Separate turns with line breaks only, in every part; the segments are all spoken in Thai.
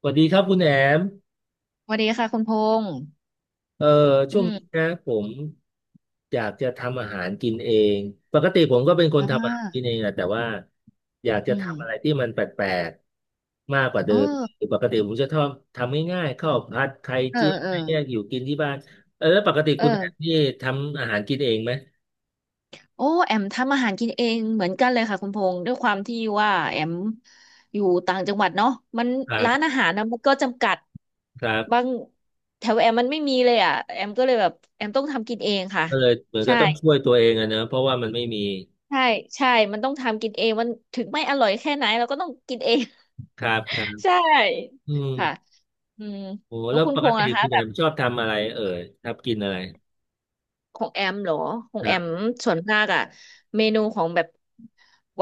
สวัสดีครับคุณแอม
สวัสดีค่ะคุณพงษ์
เอ่อ
อื
ช่วงนี้
ม
นะผมอยากจะทำอาหารกินเอง ปกติผมก็เป็นคน
อ่
ทำอาหารกิน
า
เองอะแต่ว่าอยาก
อื
จะ
ม
ทำอะไรที่มันแปลกๆมากกว่าเดิ
เอ
ม
อ
คือปกติผมจะชอบทำง่ายๆข้าวผัดไข่
เออ
เจียวอะ
เออ
ไรเงี้ยอยู่กินที่บ้านเออแล้วปกติ
เอ
คุณแอม
อ
นี่ทำอาหารกินเองไหม
โอ้แอมทำอาหารกินเองเหมือนกันเลยค่ะคุณพงษ์ด้วยความที่ว่าแอมอยู่ต่างจังหวัดเนาะมัน
ครั
ร้าน
บ
อาหารนะมันก็จำกัด
ครับ
บางแถวแอมมันไม่มีเลยอ่ะแอมก็เลยแบบแอมต้องทำกินเองค่ะ
ก็เลยเหมือนก็
ใช่
ต้องช่วยตัวเองอะเนอะเพราะว่ามันไม่มี
ใช่ใช่มันต้องทำกินเองมันถึงไม่อร่อยแค่ไหนเราก็ต้องกินเอง
ครับครับ
ใช่
อืม
ค่ะอืม
โอ้
แล้ว
แล้ว
คุณ
ป
พ
ก
งษ์
ติ
นะคะ
คุณแอ
แบบ
มชอบทำอะไรเอ่ยชอบกินอะไร
ของแอมเหรอของ
ค
แอ
รั
ม
บ
ส่วนมากอะเมนูของแบบ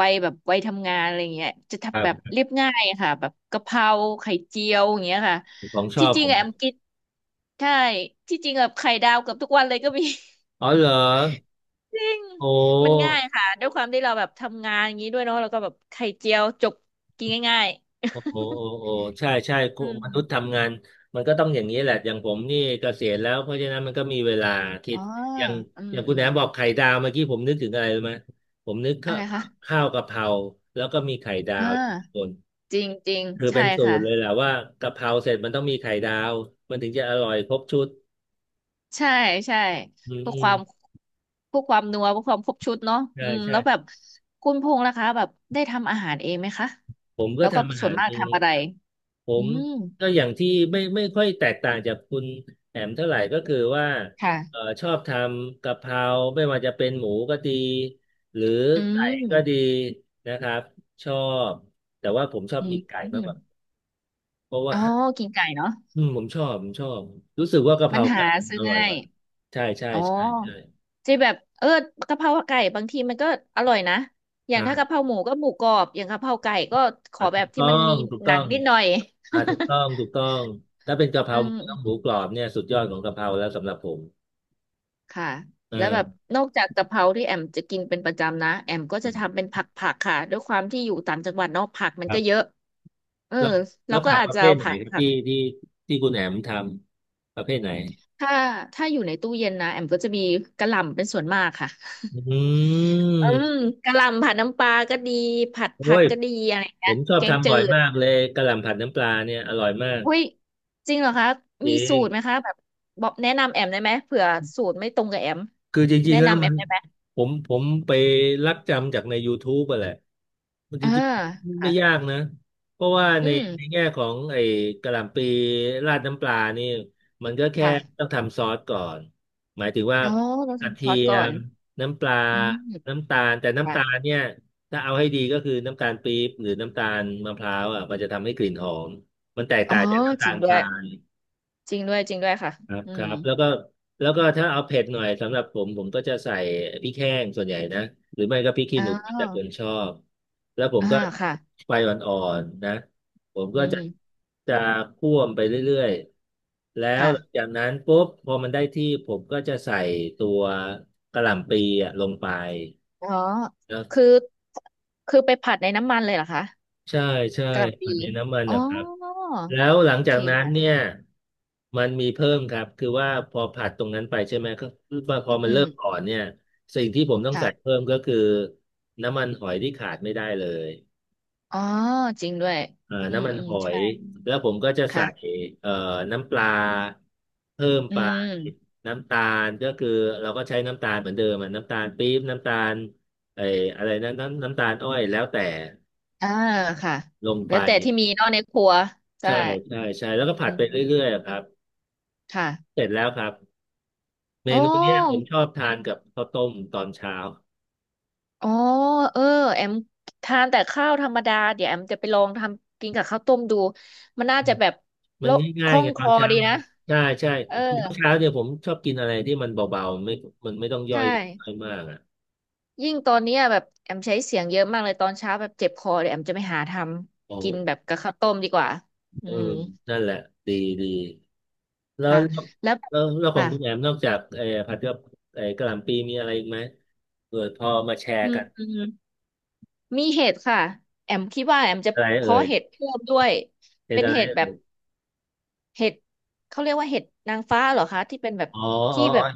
วัยทำงานอะไรเงี้ยจะ
ค
ทำแบบ
รับ
เรียบง่ายอะค่ะแบบกะเพราไข่เจียวอย่างเงี้ยค่ะ
ของชอ
ที่
บ
จ
ผ
ริง
ม
อะแอ
เนี่ย
มกินใช่ที่จริงแบบไข่ดาวเกือบทุกวันเลยก็มี
อ๋อเหรอ
จริง
โอ้
มันง่ายค่ะด้วยความที่เราแบบทำงานอย่างนี้ด้วยเนาะแล้วก็แบบไข่เจียวจบกินง่าย
โอ้โอ้โอ้
ๆ
โอ้ใช่ใช่ คุณ
อืม
มนุษย์ทำงานมันก็ต้องอย่างนี้แหละอย่างผมนี่เกษียณแล้วเพราะฉะนั้นมันก็มีเวลาคิ
อ๋
ด
อ
อย่าง
อื
อ
ม
ย่างคุ
อื
ณแหน
ม
มบอกไข่ดาวเมื่อกี้ผมนึกถึงอะไรรู้ไหมผมนึก
อะ
ข้า
ไร
ว
คะ
ข้าวกะเพราแล้วก็มีไข่ดา
อ่า
วทุกคน
จริงจริง
คือ
ใช่
เป็นสู
ค่ะ
ตรเลยแหละว่ากะเพราเสร็จมันต้องมีไข่ดาวมันถึงจะอร่อยครบชุด
ใช่ใช่
อืม
เพื่อ
อื
ค
ม
วามเพื่อความนัวเพื่อความครบชุดเนาะ
ใช่
อืม
ใช่
แล้วแบบคุณพงษ์ล่ะคะแบบได้ทำอาหารเองไหมคะ
ผมก็
แล้วก็
ทำอา
ส่ว
หา
น
ร
มาก
เอง
ทำอะไร
ผ
อื
ม
ม
ก็อย่างที่ไม่ค่อยแตกต่างจากคุณแอมเท่าไหร่ก็คือว่า
ค่ะ
ชอบทำกะเพราไม่ว่าจะเป็นหมูก็ดีหรือ
อื
ไก่ก็ดี
ม
นะครับชอบแต่ว่าผมชอบ
อืม
กินไก่
อ
มากก
ม
ว่าเพราะว่า
อ๋อกินไก่เนาะ
อืมผมชอบผมชอบรู้สึกว่ากะเพ
มั
รา
นหา
ไก่มัน
ซื้
อ
อ
ร่อย
ง่า
ก
ย
ว่าใช่ใช่
อ๋อ
ใช่ใช่
จะแบบเออกะเพราไก่บางทีมันก็อร่อยนะอ
ค
ย่าง
รั
ถ้ากะเพ
บ
ราหมูก็หมูกรอบอย่างกะเพราไก่ก็ขอ
อ่ะ
แบ
ถู
บ
ก
ที่
ต้อ
มันมี
งถูก
ห
ต้
นั
อ
ง
ง
นิดหน่อย
อ่ะถูก ต้องถูกต้องถ้าเป็นกะเพ
อื
ราหมู
ม
ต้องหมูกรอบเนี่ยสุดยอดของกะเพราแล้วสำหรับผม
ค่ะแล้วแบบ
เออ
นอกจากกะเพราที่แอมจะกินเป็นประจำนะแอมก็
อื
จะ
ม
ทำเป็นผักผักค่ะด้วยความที่อยู่ต่างจังหวัดเนอกผักมัน
ครั
ก็เย
บ
อะเออ
แล้ว
เรา
แล้ว
ก็
ผัก
อา
ป
จ
ระ
จะ
เภ
เอา
ทไหน
ผัก
ครับ
ผัก
ที่ที่คุณแหนมทำประเภทไหน
ถ้าถ้าอยู่ในตู้เย็นนะแอมก็จะมีกะหล่ำเป็นส่วนมากค่ะ
อื
อืม
ม
กะหล่ำผัดน้ำปลาก็ดีผัด
โอ้
ผัก
ย
ก็ดีอะไรอย่าง
ผ
เงี้ย
มชอบ
แกง
ทำ
จื
บ่อย
ด
มากเลยกะหล่ำผัดน้ำปลาเนี่ยอร่อยมาก
อุ้ยจริงเหรอคะ
จ
มี
ริ
สู
ง
ตรไหมคะแบบบอกแนะนำแอมได้ไหมเผื่อสูตรไม่ตรงกับแอม
คือจริง
แนะ
ๆแล้ว
นำแอ
มัน
มได้ไหม
ผมไปลักจำจากใน YouTube อะแหละมันจ
อ่า
ริงๆ
ค่ะ
ไม่ยากนะเพราะว่า
อื
ใน
ม
แง่ของไอ้กะหล่ำปีราดน้ำปลานี่มันก็แค่
ค่ะ
ต้องทำซอสก่อนหมายถึงว่า
อ๋อเรา
กระ
ทำซ
เที
อส
ย
ก่อน
มน้ำปลา
อืม
น้ำตาลแต่น้ำ
ค่ะ
ตาลเนี่ยถ้าเอาให้ดีก็คือน้ำตาลปี๊บหรือน้ำตาลมะพร้าวอ่ะมันจะทำให้กลิ่นหอมมันแตก
อ๋อ
ต่างจากน้ำ
จ
ตา
ริง
ล
ด้
ท
ว
รา
ย
ย
จริงด้วยค่ะ
ครับ
อื
ครั
ม
บแล้วก็ถ้าเอาเผ็ดหน่อยสำหรับผมก็จะใส่พริกแห้งส่วนใหญ่นะหรือไม่ก็พริกขี้
อ๋อ
หนูแต่คนชอบแล้วผม
อ่า
ก็
ค่ะ
ไฟอ่อนๆนะผม
อื
ก็จะ
ม
จะคั่วมไปเรื่อยๆแล้ว
ค่ะ
หลังจากนั้นปุ๊บพอมันได้ที่ผมก็จะใส่ตัวกะหล่ำปีอะลงไป
อ๋อคือ คือไปผัดในน้ำมันเลยเหรอคะ
ใช่ใช่
กะหล่ำ
ป
ปี
ฏินน้ำมัน
อ๋อ
นะครับแล้วหลัง
โอ
จา
เค
กนั้น
ค่ะ
เนี่ยมันมีเพิ่มครับคือว่าพอผัดตรงนั้นไปใช่ไหมก็คือว่าพอมั
อื
นเริ่ม
ม
อ่อนเนี่ยสิ่งที่ผมต้อง
ค่ะ
ใส่เพิ่มก็คือน้ำมันหอยที่ขาดไม่ได้เลย
อ๋อจริงด้วย อืม
น้ำมัน
อื
ห
ม
อ
ใช่
ยแล้วผมก็จะใส่
ค่ะ
เอ่อน้ำปลาเพิ่ม
อื
ไป
ม
น้ำตาลก็คือเราก็ใช้น้ำตาลเหมือนเดิมอะน้ำตาลปี๊บน้ำตาลไอ้อะไรนะน้ำตาลอ้อยแล้วแต่
อ่าค่ะ
ลงไป
แล้วแต่ที่มีเนอกในครัวใช่
ใช่ใช่ใช่แล้วก็ผั
อื
ดไปเรื่อ
ม
ยๆอะครับ
ค่ะ
เสร็จแล้วครับเม
โอ
นูเนี้ยผม
้
ชอบทานกับข้าวต้มตอนเช้า
อ๋อเออแอมทานแต่ข้าวธรรมดาเดี๋ยวแอมจะไปลองทำกินกับข้าวต้มดู มันน่าจะแบบ
มั
โล้
น
วค
ง่าย
ล่อ
ๆ
ง
ไง
ค
ตอน
อ
เช้า
ดี
มั
นะ
นใช่ใช่
เออ
เดี๋ยวเช้าเนี่ยผมชอบกินอะไรที่มันเบาๆไม่มันไม่ต้องย่อ
ใช่
ยมากอ่ะ
ยิ่งตอนเนี้ยแบบแอมใช้เสียงเยอะมากเลยตอนเช้าแบบเจ็บคอเดี๋ยวแอมจะไปหาท
โอ้
ำกินแบบกับข้าวต้มดีกว่า อื
เออ
ม
นั่นแหละดีดีแล้ว
ค่ะ แล้ว
แล้วแล้วขอ
ค่ะ
งคุณแอมนอกจากไอ้ผัดกับไอ้กะหล่ำปีมีอะไรอีกไหมเออพอมาแช
อื
ร์
ม
กัน
อืมมีเห็ดค่ะแอมคิดว่าแอมจะ
อะไรเอ่
เพาะ
ย
เห็ดเพิ่มด้วย
เป็น
เป็น
อะไร
เห็ดแบบ
เอ่ย
เห็ดเขาเรียกว่าเห็ดนางฟ้าเหรอคะที่เป็นแบบ
อ๋ออ๋
ที่
อ
แบบ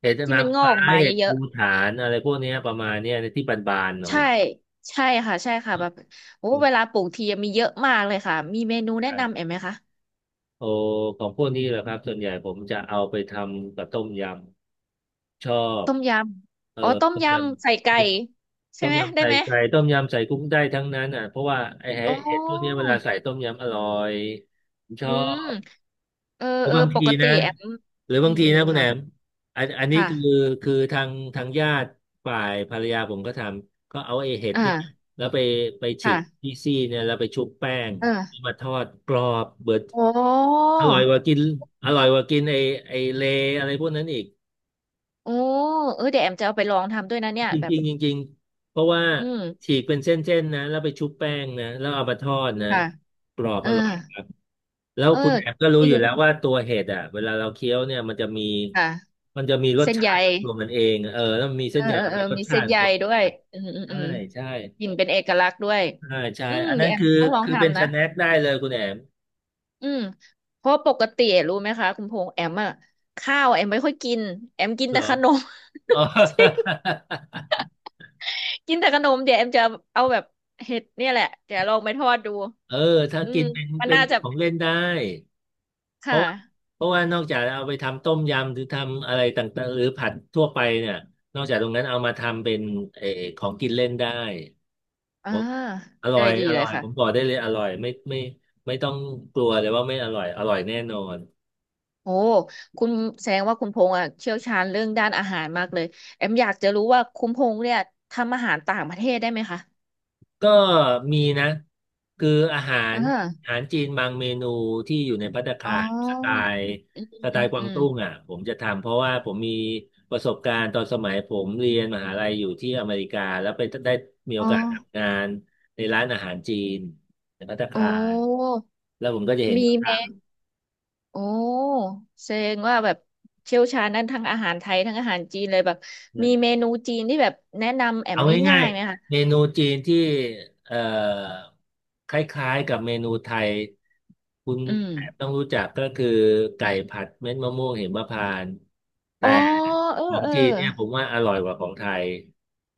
เห็ด
ที่
นา
มั
ง
นงอก
ฟ้า
ออกมา
เห็ด
เยอะ
ภูฐานอะไรพวกเนี้ยประมาณเนี้ยในที่บานๆห
ๆ
น่อย
ใช่ใช่ค่ะใช่ค่ะแบบโอ้เวลาปลูกทีมีเยอะมากเลยค่ะมีเมนูแนะนำ
ใช่
เอ็มไหมคะ
โอของพวกนี้แหละครับส่วนใหญ่ผมจะเอาไปทำกับต้มยำชอบ
ต้มย
เอ
ำ
อ
อ๋อต้ม
ต้มย
ยำใส่ไก่
ำ
ใช่
ต้ม
ไหม
ยำ
ได้
ใส่
ไหม
ไก่ต้มยำใส่กุ้งได้ทั้งนั้นอ่ะเพราะว่าไอ้
อ๋อ
เห็ดพวกนี้เวลาใส่ต้มยำอร่อยผมช
อื
อ
ม
บ
เออ
หรือ
เออ
บาง
ป
ที
กติ
นะ
แอม
หรือ
อื
บาง
ม
ที
อืม
นะคุณแหน
ค่ะ
มอันนี้
ค่ะ
คือคือทางญาติฝ่ายภรรยาผมก็ทำก็เอาไอ้เห็ดเนี่ย
อ่า
แล้วไปฉีก
ค่ะ
ที่ซี่เนี่ยแล้วไปชุบแป้ง
เออ
มาทอดกรอบเบิด
โอ้
อร่อยกว่ากินอร่อยกว่ากินไอ้เลอะไรพวกนั้นอีก
โอ้เออเดี๋ยวแอมจะเอาไปลองทำด้วยนะเนี่ย
จ
แบบ
ริงๆจริงๆเพราะว่า
อืม
ฉีกเป็นเส้นๆนะแล้วไปชุบแป้งนะแล้วเอามาทอดนะ
ค่ะ
กรอบ
เออ
อร่อย แล้ว
เออ
คุณแอมก็รู้
จริ
อยู่
ง
แล้วว่าตัวเห็ดอ่ะเวลาเราเคี้ยวเนี่ยมันจะมี
ค่ะ
มันจะมีรส
เส้น
ชา
ใย
ติของตัวมันเองเออแล้วมันมี
เอ
เส้น
อ
ใย
เออเออ
มีรส
มี
ชา
เส้
ติ
น
ขอ
ใย
งตัวมั
ด้
น
ว
เอ
ย
ง
อืมอืมอื
ใช่
ม
ใช่
กลิ่นเป็นเอกลักษณ์ด้วย
ใช่ใช่
อืม
อันนั้
เดี๋ย
น
วแอม
คือ
ต้องลอง
คือเป็น
ทำ
ส
นะ
แน็คได้เลยคุณแอม
อืมเพราะปกติรู้ไหมคะคุณพงษ์แอมอะข้าวแอมไม่ค่อยกินแอมกิน
เหร
แต่
อ
ขนม
อ๋อ
กินแต่ขนมเดี๋ยวแอมจะเอาแบบเห็ดเนี่ยแหละเดี๋ยวลองไปทอดดู
เออถ้า
อื
กิ
ม
นเป็น
มัน
เป็น
น่าจะ
ของเล่นได้เพราะ
ค่ะ
ว่าเพราะว่านอกจากเอาไปทำต้มยำหรือทำอะไรต่างๆหรือผัดทั่วไปเนี่ยนอกจากตรงนั้นเอามาทำเป็นเออของกินเล่นได้
อ่า
ผมอร่อ
ได้
ย
ดี
อ
เล
ร่
ย
อย
ค่ะ
ผมบอกได้เลยอร่อยไม่ต้องกลัวเลยว่าไม่อร่อยอร่อยแน่นอน
โอ้ คุณแสดงว่าคุณพงษ์อ่ะเชี่ยวชาญเรื่องด้านอาหารมากเลยแอมอยากจะรู้ว่าคุณพงษ์เนี่ยทำอาหารต่างประเทศได้ไหมคะ
ก็มีนะคืออาหาร
อ่
อา
า
หารจีนบางเมนูที่อยู่ในภัตตา
อ๋
คาร
อ
ล์
อืมอ
สไต
ืม
ล์กวา
อื
ง
ม
ตุ้งอ่ะผมจะทำเพราะว่าผมมีประสบการณ์ตอนสมัยผมเรียนมหาลัยอยู่ที่อเมริกาแล้วไปได้มีโอ
อ๋อ
กาสทำงานในร้านอาหารจีนในภัตตา
โอ้
คารแล้วผมก็จะเห็น
มี
เขา
เมน
ท
โอ้แสดงว่าแบบเชี่ยวชาญด้านทั้งอาหารไทยทั้งอาหารจีนเลยแบบ
ำ
มีเมนูจีนที่แบบแนะนำแอ
เอา
ม
ง่า
ง่า
ย
ยๆไหมคะ
ๆเมนูจีนที่เอ่อคล้ายๆกับเมนูไทยคุณ
อืม
แอบต้องรู้จักก็คือไก่ผัดเม็ดมะม่วงหิมพานต์
อ๋
แต่
อเออ
ของ
เออ
จีนเนี่ยผมว่าอร่อยกว่าของไทย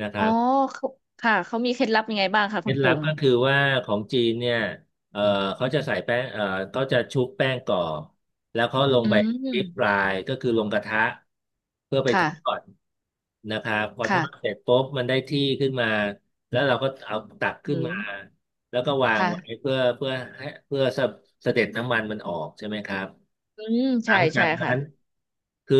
นะค
อ๋
รั
อ
บ
เขาค่ะเขามีเคล็ดลับยังไงบ้างคะ
เคล็
คุณ
ด
พ
ลับ
งษ์
ก็คือว่าของจีนเนี่ยเออเขาจะใส่แป้งเขาจะชุบแป้งก่อนแล้วเขาลง
อื
ไปดิฟรา
ม
ยก็คือลงกระทะเพื่อไปท
ค่ะ
อดนะครับพอทอดเส
ค่ะ
ร็จปุ๊บมันได้ที่ขึ้นมาแล้วเราก็เอาตักขึ้
อื
นมา
ม
แล้วก็วางไว้
ค่ะ
เพื่อให้เพื่อสะเสด็จน้ำมันมันออกใช่ไหมครับ
อืม
หลั
ใช่
งจา
ใช่
กนั้
ค่ะ
นคือ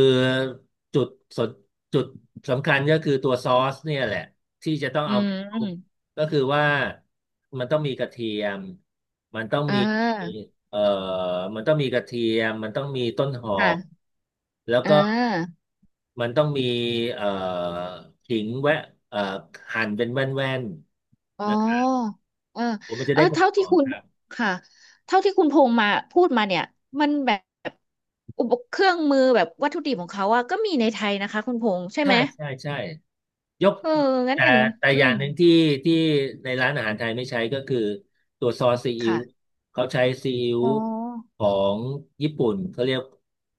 จุดสนจุดสำคัญก็คือตัวซอสเนี่ยแหละที่จะต้อง
อื
เอาไปคลุก
ม
ก็คือว่ามันต้องมีกระเทียมมันต้อง
อ่
มี
า
เอ่อมันต้องมีกระเทียมมันต้องมีต้นหอม
ค่ะ
แล้ว
อ่
ก็
า
มันต้องมีเอ่อขิงแวะเอ่อหั่นเป็นแว่น
อ๋
ๆนะครับ
อเออ
ผมมันจะ
เออ
ได้ควา
เท่า
มห
ที่
อม
คุณ
ครับ
ค่ะเท่าที่คุณพงษ์พูดมาเนี่ยมันแบบอุปเครื่องมือแบบวัตถุดิบของเขาอะก็มีในไทยนะคะคุณพงษ์ใช่
ใช่
ไหม
ใช่ใช่ ยก
เอองั้น
แต่
แอม
แต่
อื
อย่า
ม
งหนึ่งที่ในร้านอาหารไทยไม่ใช้ก็คือตัวซอสซีอิ๊ว
ค่ะ
เขาใช้ซีอิ๊ว
อ๋อ
ของญี่ปุ่นเขาเรียก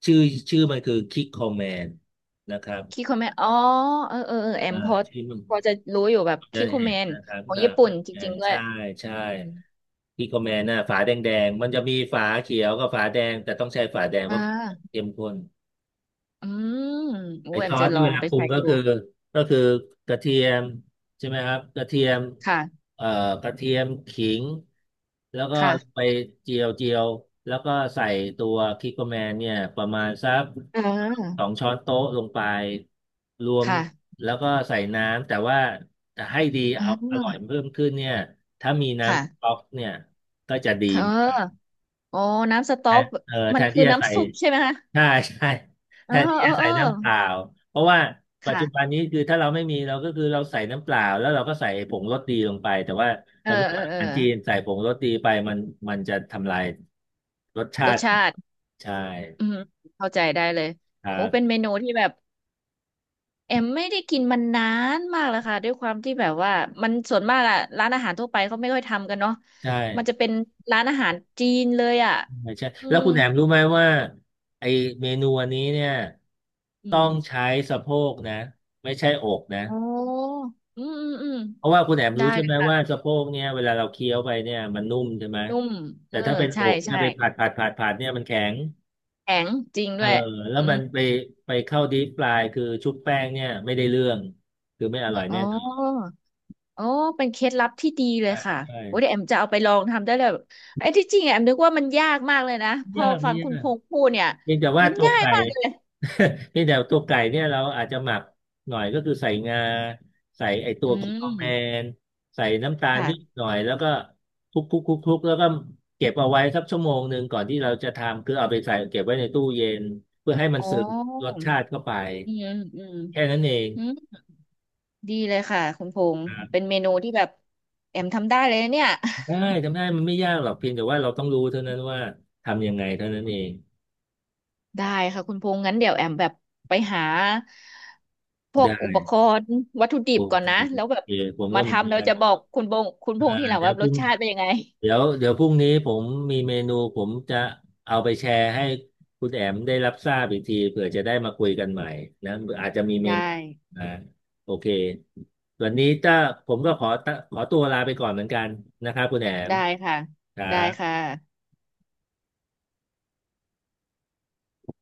ชื่อชื่อมันคือคิกคอมแมนนะครับ
คิโคเมนอ๋อเออเออเออแอม
อ่า
พอ
ชื่อมัน
พอจะรู้อยู่แบบ
จะ
คิโค
เห็
เม
น
น
นะครับ
ของ
อ่า
ญี่ปุ่นจ
แม
ริง
น
ๆด้วย
ใช่ใช่
อม
คิกคอมแมนน่ะฝาแดงแดงมันจะมีฝาเขียวกับฝาแดงแต่ต้องใช้ฝาแดงเพ
อ่
ราะฝาแดง
า
เข้มข้น
อืมโอ้
ไอ้
แอ
ซ
ม
อ
จะ
ส
ล
ที่
อง
เว
เอา
ลา
ไป
ปรุง
ใช้
ก็
ดู
คือก็คือกระเทียมใช่ไหมครับกระเทียม
ค่ะ
เอ่อกระเทียมขิงแล้วก็ไป
ค่ะ
เจียวแล้วก็ใส่ตัวคิกโกแมนเนี่ยประมาณสัก
เ
ส
ออ
องช้อนโต๊ะลงไปรวม
ค่ะ
แล้วก็ใส่น้ำแต่ว่าจะให้ดี
อ่
เอาอร่อย
า
เพิ่มขึ้นเนี่ยถ้ามีน้ำสต๊อ
ค่ะ
กเนี่ยก็จะดี
เอ
มาก
อโอ้น้ำสต๊
แท
อก
นแท
มัน
น
คื
ที่
อ
จะใส่
น้ำซุปใช่ไหมคะ
ใช่ใช่
เอ
แท
อ
นที่
เอ
จะ
อเอ
ใส่
อ
น้ำเปล่าเพราะว่าปัจจุบัน
ค่ะ
นี้คือถ้าเราไม่มีเราก็คือเราใส่น้ำเปล่าแล้วเราก็ใส่ผงรสดีลงไปแต่ว่า
เออ
สำหรับ
เออ
อา
เออ
หารจีนใส่ผงรสดีไปมันมันจะทำลายรสชา
รส
ติ
ชาติ
ใช่
อืมเข้าใจได้เลย
ครั
โอ้เป็น
บ
เมนูที่แบบแอมไม่ได้กินมันนานมากแล้วค่ะด้วยความที่แบบว่ามันส่วนมากอะร้านอาหารทั่วไปเขาไม่ค่อยทำกันเนาะ
ใช่
มันจะเป็นร้านอาหารจีนเลยอะ
ใช่ใช่
อื
แล้ว
ม
คุณแหนมรู้ไหมว่าไอเมนูอันนี้เนี่ย
อื
ต้อ
ม
งใช้สะโพกนะไม่ใช่อกนะ
อ๋ออืมอืมอืม
เพราะว่าคุณแอม
ได้
รู้ใช่
เล
ไห
ย
มว่า
ค่ะ
สะโพกเนี่ยเวลาเราเคี้ยวไปเนี่ยมันนุ่มใช่ไหม
นุ่มเอ
แต่
อ
ถ้าเป็นอ
ใช่
กเนี่ย
ใช่
ไปผัดเนี่ยมันแข็ง
แข็งจริง
เอ
ด้
อ
วย
แล้ว
อื
มั
ม
นไปไปเข้าดีปลายคือชุบแป้งเนี่ยไม่ได้เรื่องคือไม่อร่อย
อ๋
แน่นอน
ออ๋อเป็นเคล็ดลับที่ดีเลย
ใช่
ค่ะ
ใช่
โอ้เดี๋ยวแอมจะเอาไปลองทำได้เลยไอ้ที่จริงอะแอมนึกว่ามันยากมากเลยนะ
ไม่
พอ
ยากไม่
ฟัง
ยา
คุณพ
ก
งษ์พูดเนี่ย
เพียงแต่ว่า
มัน
ตัว
ง่าย
ไก่
มากเลย
เพียงแต่ตัวไก่เนี่ยเราอาจจะหมักหน่อยก็คือใส่งาใส่ไอตั
อื
วคิดคอกแม
ม
นใส่น้ำตาล
ค่ะ
นิดหน่อยแล้วก็คลุกแล้วก็เก็บเอาไว้สักชั่วโมงหนึ่งก่อนที่เราจะทำคือเอาไปใส่เก็บไว้ในตู้เย็นเพื่อให้มัน
อ๋
ซึ
อ
มรสชาติเข้าไป
อืมอืม
แค่นั้นเอง
อืมดีเลยค่ะคุณพงษ์
ครั
เป็
บ
นเมนูที่แบบแอมทำได้เลยนะเนี่ย
ได้ทำได้มันไม่ยากหรอกเพียงแต่ว่าเราต้องรู้เท่านั้นว่าทำยังไงเท่านั้นเอง
ได้ค่ะคุณพงษ์งั้นเดี๋ยวแอมแบบไปหาพวก
ได้
อุปกรณ์วัตถุดิ
โอ
บก่อน
เค
นะแล้วแบบ
ผมก็
มา
เหมือ
ทำ
น
แล้ว
กัน
จะบอกคุณพงษ์คุณพง
อ่า
ษ์ที่หลัง
เดี๋ย
ว่า
วพ
ร
รุ่
ส
ง
ชาติเป็นยังไง
เดี๋ยวพรุ่งนี้ผมมีเมนูผมจะเอาไปแชร์ให้คุณแอมได้รับทราบอีกทีเผื่อจะได้มาคุยกันใหม่นะอาจจะมีเม
ได้
นูอ่าโอเควันนี้ถ้าผมก็ขอตัวลาไปก่อนเหมือนกันนะครับคุณแอม
ได้ค่ะ
ครั
ได้
บ
ค่ะ